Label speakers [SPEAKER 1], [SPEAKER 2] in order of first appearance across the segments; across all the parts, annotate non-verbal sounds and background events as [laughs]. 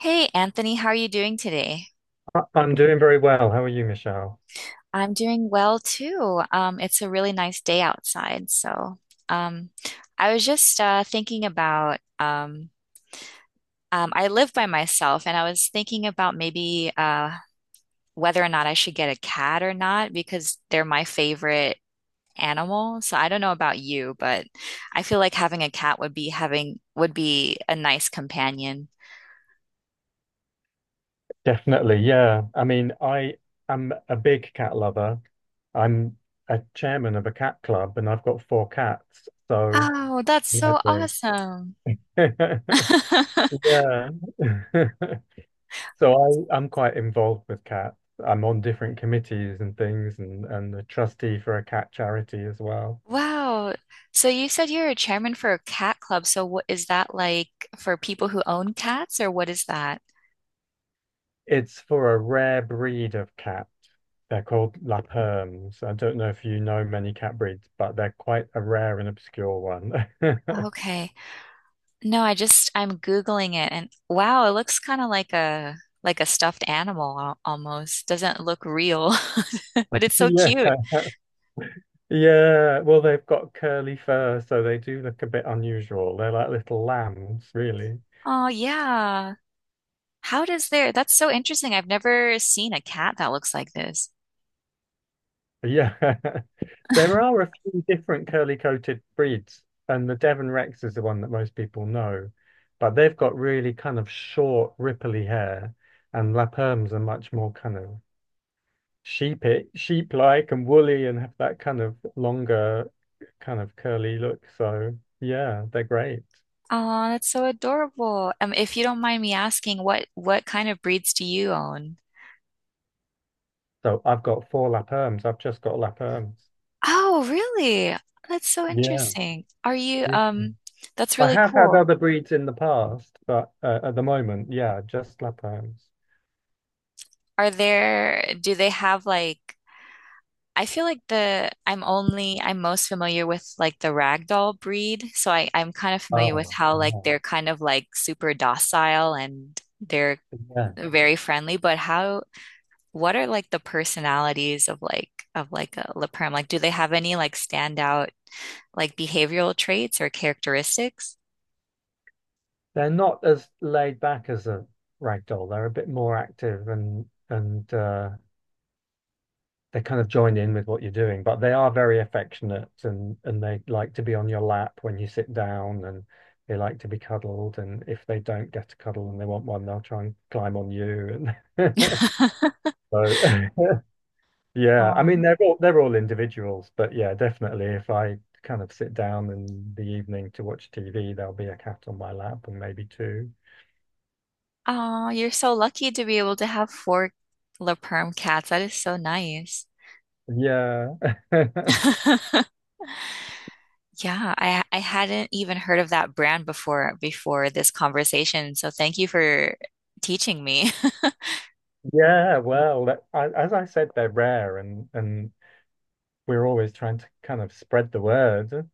[SPEAKER 1] Hey Anthony, how are you doing today?
[SPEAKER 2] I'm doing very well. How are you, Michelle?
[SPEAKER 1] I'm doing well too. It's a really nice day outside. Um, I was just thinking about I live by myself, and I was thinking about maybe whether or not I should get a cat or not because they're my favorite animal. So I don't know about you, but I feel like having a cat would be a nice companion.
[SPEAKER 2] Definitely, yeah. I mean, I am a big cat lover. I'm a chairman of a cat club and I've got four cats. So,
[SPEAKER 1] Oh, that's so
[SPEAKER 2] lovely.
[SPEAKER 1] awesome.
[SPEAKER 2] [laughs] Yeah.
[SPEAKER 1] [laughs]
[SPEAKER 2] [laughs] So I'm quite involved with cats. I'm on different committees and things and a trustee for a cat charity as well.
[SPEAKER 1] Wow. So you said you're a chairman for a cat club. So what is that like for people who own cats, or what is that?
[SPEAKER 2] It's for a rare breed of cat. They're called La Perms. I don't know if you know many cat breeds, but they're quite a rare and obscure one. [laughs]
[SPEAKER 1] Okay. No, I just I'm Googling it and wow, it looks kind of like a stuffed animal almost. Doesn't look real, [laughs] but it's so
[SPEAKER 2] Yeah,
[SPEAKER 1] cute.
[SPEAKER 2] yeah. Well, they've got curly fur, so they do look a bit unusual. They're like little lambs, really.
[SPEAKER 1] Oh yeah. How does there? That's so interesting. I've never seen a cat that looks like this.
[SPEAKER 2] Yeah. [laughs] There are
[SPEAKER 1] [laughs]
[SPEAKER 2] a few different curly-coated breeds, and the Devon Rex is the one that most people know. But they've got really kind of short, ripply hair, and La Perms are much more kind of sheep sheep like and woolly and have that kind of longer kind of curly look. So yeah, they're great.
[SPEAKER 1] Oh, that's so adorable. If you don't mind me asking, what kind of breeds do you own?
[SPEAKER 2] So I've got four lap erms. I've just got lap erms.
[SPEAKER 1] Oh, really? That's so
[SPEAKER 2] Yeah.
[SPEAKER 1] interesting. Are you
[SPEAKER 2] Yeah.
[SPEAKER 1] that's
[SPEAKER 2] I
[SPEAKER 1] really
[SPEAKER 2] have had
[SPEAKER 1] cool.
[SPEAKER 2] other breeds in the past, but at the moment, yeah, just lap erms.
[SPEAKER 1] Are there, do they have like, I feel like the I'm only I'm most familiar with like the ragdoll breed, so I'm kind of familiar with
[SPEAKER 2] Oh,
[SPEAKER 1] how like
[SPEAKER 2] yeah.
[SPEAKER 1] they're kind of like super docile and they're
[SPEAKER 2] Yeah.
[SPEAKER 1] very friendly, but how, what are like the personalities of like a La Perm? Like do they have any like standout like behavioral traits or characteristics?
[SPEAKER 2] They're not as laid back as a ragdoll. They're a bit more active and they kind of join in with what you're doing, but they are very affectionate and they like to be on your lap when you sit down and they like to be cuddled. And if they don't get a cuddle and they want one, they'll try and climb on you. And [laughs] so [laughs] yeah, I
[SPEAKER 1] Oh.
[SPEAKER 2] mean they're all individuals, but yeah, definitely if I kind of sit down in the evening to watch TV, there'll be a cat on my lap and maybe two.
[SPEAKER 1] Oh, you're so lucky to be able to have four La Perm cats. That is so nice.
[SPEAKER 2] Yeah. [laughs]
[SPEAKER 1] [laughs] Yeah, I hadn't even heard of that brand before this conversation. So thank you for teaching me.
[SPEAKER 2] Yeah, well, that- I, as I said, they're rare and we're always trying to kind of spread the word,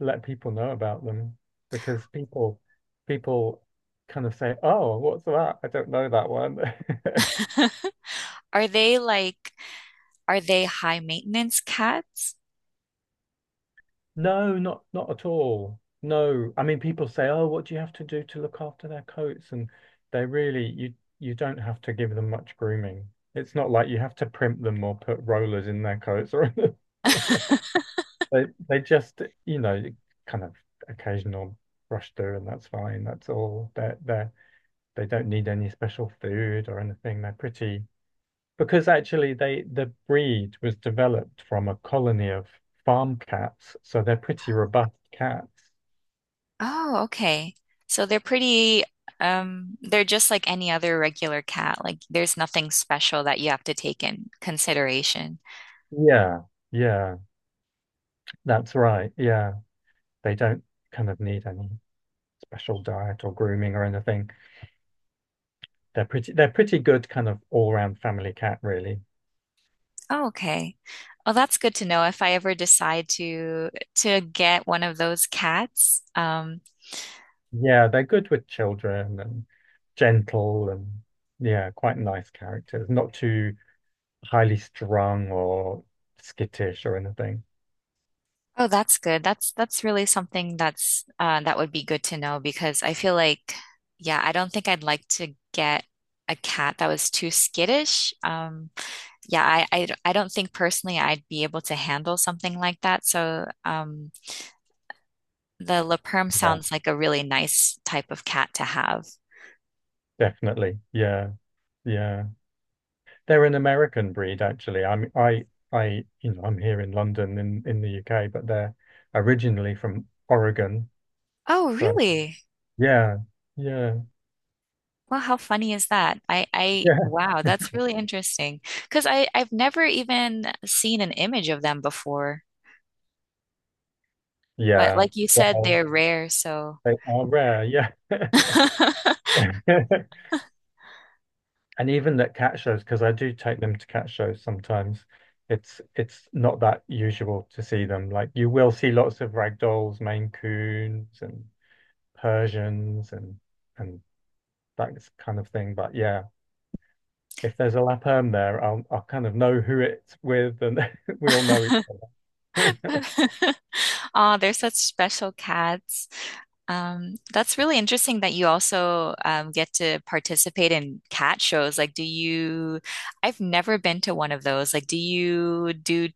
[SPEAKER 2] let people know about them because people kind of say, "Oh, what's that? I don't know that one." [laughs]
[SPEAKER 1] [laughs] Are they like, are they high maintenance cats?
[SPEAKER 2] No, not at all. No, I mean people say, "Oh, what do you have to do to look after their coats?" And they really you don't have to give them much grooming. It's not like you have to primp them or put rollers in their coats or anything. [laughs] They just, you know, kind of occasional brush through and that's fine. That's all. They don't need any special food or anything. They're pretty, because actually the breed was developed from a colony of farm cats, so they're pretty robust cats.
[SPEAKER 1] Oh, okay. So they're pretty, they're just like any other regular cat. Like there's nothing special that you have to take in consideration.
[SPEAKER 2] Yeah, yeah, that's right. Yeah, they don't kind of need any special diet or grooming or anything. They're pretty good kind of all-round family cat, really.
[SPEAKER 1] Oh, okay. Well, that's good to know if I ever decide to get one of those cats.
[SPEAKER 2] Yeah, they're good with children and gentle and yeah, quite nice characters. Not too highly strung or skittish or anything.
[SPEAKER 1] Oh, that's good. That's really something that would be good to know because I feel like, yeah, I don't think I'd like to get a cat that was too skittish. Yeah, I don't think personally I'd be able to handle something like that. So, the Le Perm
[SPEAKER 2] Yeah.
[SPEAKER 1] sounds like a really nice type of cat to have.
[SPEAKER 2] Definitely. Yeah. Yeah. They're an American breed actually. I you know, I'm here in London in the UK, but they're originally from Oregon.
[SPEAKER 1] Oh,
[SPEAKER 2] So,
[SPEAKER 1] really?
[SPEAKER 2] yeah. Yeah.
[SPEAKER 1] Well, how funny is that?
[SPEAKER 2] [laughs] Yeah.
[SPEAKER 1] Wow, that's really interesting. Because I've never even seen an image of them before. But
[SPEAKER 2] Yeah.
[SPEAKER 1] like you said,
[SPEAKER 2] Well,
[SPEAKER 1] they're rare, so.
[SPEAKER 2] they are rare. Yeah.
[SPEAKER 1] [laughs]
[SPEAKER 2] [laughs] And even at cat shows, because I do take them to cat shows sometimes, it's not that usual to see them. Like you will see lots of ragdolls, Maine Coons, and Persians, and that kind of thing. But yeah, if there's a lap Lapperm there, I'll kind of know who it's with, and [laughs] we all know each other.
[SPEAKER 1] Oh, they're such special cats. That's really interesting that you also get to participate in cat shows. Like, do you, I've never been to one of those. Like, do you do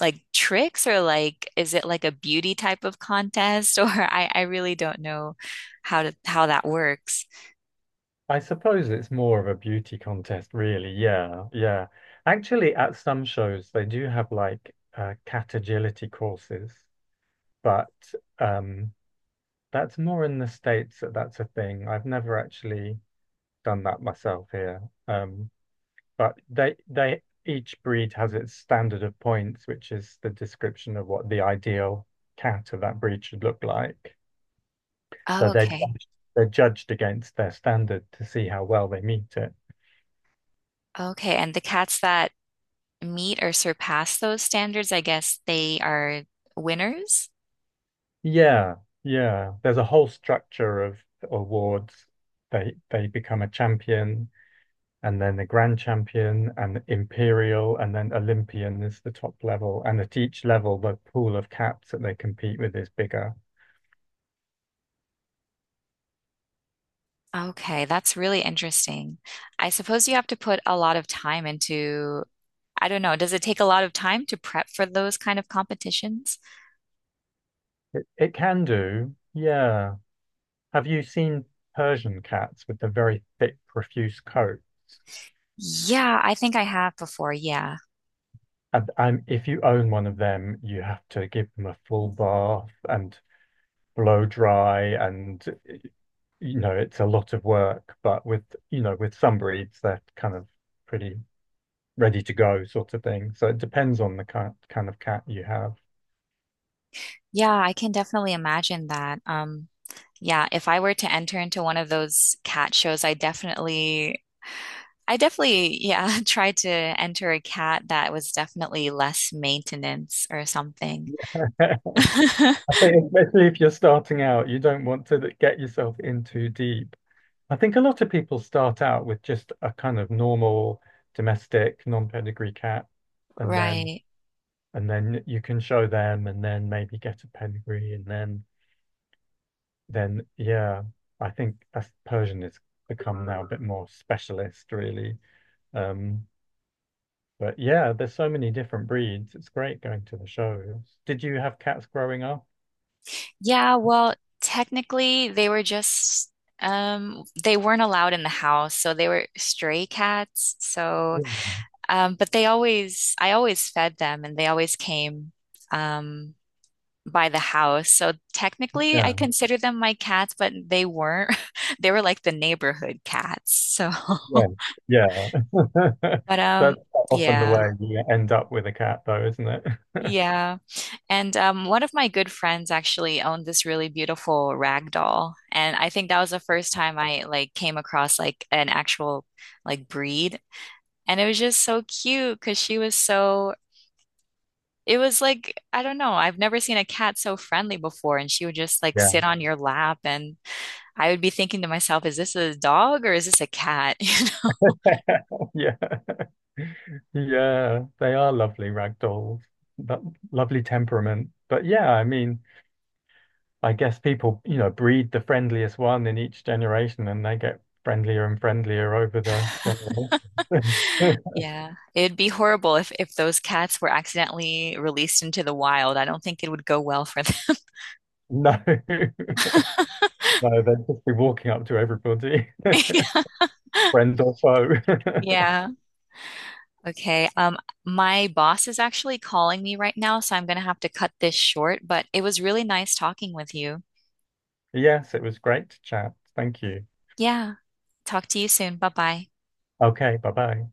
[SPEAKER 1] like tricks or like is it like a beauty type of contest [laughs] or I really don't know how that works.
[SPEAKER 2] [laughs] I suppose it's more of a beauty contest, really. Yeah, yeah. Actually, at some shows they do have like cat agility courses, but um that's more in the States, that's a thing. I've never actually done that myself here. Um, but they each breed has its standard of points, which is the description of what the ideal cat of that breed should look like.
[SPEAKER 1] Oh,
[SPEAKER 2] So they're
[SPEAKER 1] okay.
[SPEAKER 2] judged- they're judged against their standard to see how well they meet it.
[SPEAKER 1] Okay, and the cats that meet or surpass those standards, I guess they are winners.
[SPEAKER 2] Yeah, yeah. There's a whole structure of awards. They become a champion, and then the Grand Champion and Imperial, and then Olympian is the top level. And at each level, the pool of caps that they compete with is bigger.
[SPEAKER 1] Okay, that's really interesting. I suppose you have to put a lot of time into, I don't know, does it take a lot of time to prep for those kind of competitions?
[SPEAKER 2] It can do, yeah. Have you seen Persian cats with the very thick, profuse coat?
[SPEAKER 1] Yeah, I think I have before. Yeah.
[SPEAKER 2] And if you own one of them, you have to give them a full bath and blow dry, and you know it's a lot of work. But with you know with some breeds, they're kind of pretty ready to go sort of thing. So it depends on the kind of cat you have.
[SPEAKER 1] Yeah, I can definitely imagine that. Yeah, if I were to enter into one of those cat shows, I definitely, yeah, [laughs] tried to enter a cat that was definitely less maintenance or something.
[SPEAKER 2] [laughs] I
[SPEAKER 1] [laughs]
[SPEAKER 2] think especially if you're starting out, you don't want to get yourself in too deep. I think a lot of people start out with just a kind of normal domestic non-pedigree cat, and then
[SPEAKER 1] Right.
[SPEAKER 2] and then you can show them, and then maybe get a pedigree, and then yeah, I think as Persian has become now a bit more specialist, really. Um, But yeah, there's so many different breeds. It's great going to the shows. Did you have cats growing up?
[SPEAKER 1] Yeah, well, technically they were just they weren't allowed in the house, so they were stray cats. So
[SPEAKER 2] Yeah.
[SPEAKER 1] but they always I always fed them and they always came. Um by the house. So technically, I
[SPEAKER 2] Yeah,
[SPEAKER 1] consider them my cats, but they weren't. [laughs] They were like the neighborhood cats. So,
[SPEAKER 2] yeah, yeah.
[SPEAKER 1] [laughs]
[SPEAKER 2] [laughs]
[SPEAKER 1] but
[SPEAKER 2] That's often the
[SPEAKER 1] yeah.
[SPEAKER 2] way you end up with a cat, though, isn't it?
[SPEAKER 1] Yeah. And one of my good friends actually owned this really beautiful rag doll. And I think that was the first time I like came across like an actual like breed. And it was just so cute because she was so, it was like, I don't know, I've never seen a cat so friendly before. And she would just like
[SPEAKER 2] Yeah.
[SPEAKER 1] sit on your lap and I would be thinking to myself, is this a dog or is this a cat? [laughs] You know?
[SPEAKER 2] [laughs] Yeah, yeah, they are lovely ragdolls, but lovely temperament. But yeah, I mean, I guess people, you know, breed the friendliest one in each generation and they get friendlier and friendlier over the generation. [laughs]
[SPEAKER 1] Yeah, it'd be horrible if those cats were accidentally released into the wild. I don't think it would go well for them.
[SPEAKER 2] No. [laughs] No, they'd just be walking up to everybody,
[SPEAKER 1] [laughs]
[SPEAKER 2] [laughs] friend or foe. [laughs]
[SPEAKER 1] Yeah. Okay. My boss is actually calling me right now, so I'm gonna have to cut this short, but it was really nice talking with you.
[SPEAKER 2] Yes, it was great to chat. Thank you.
[SPEAKER 1] Yeah. Talk to you soon. Bye-bye.
[SPEAKER 2] Okay, bye bye.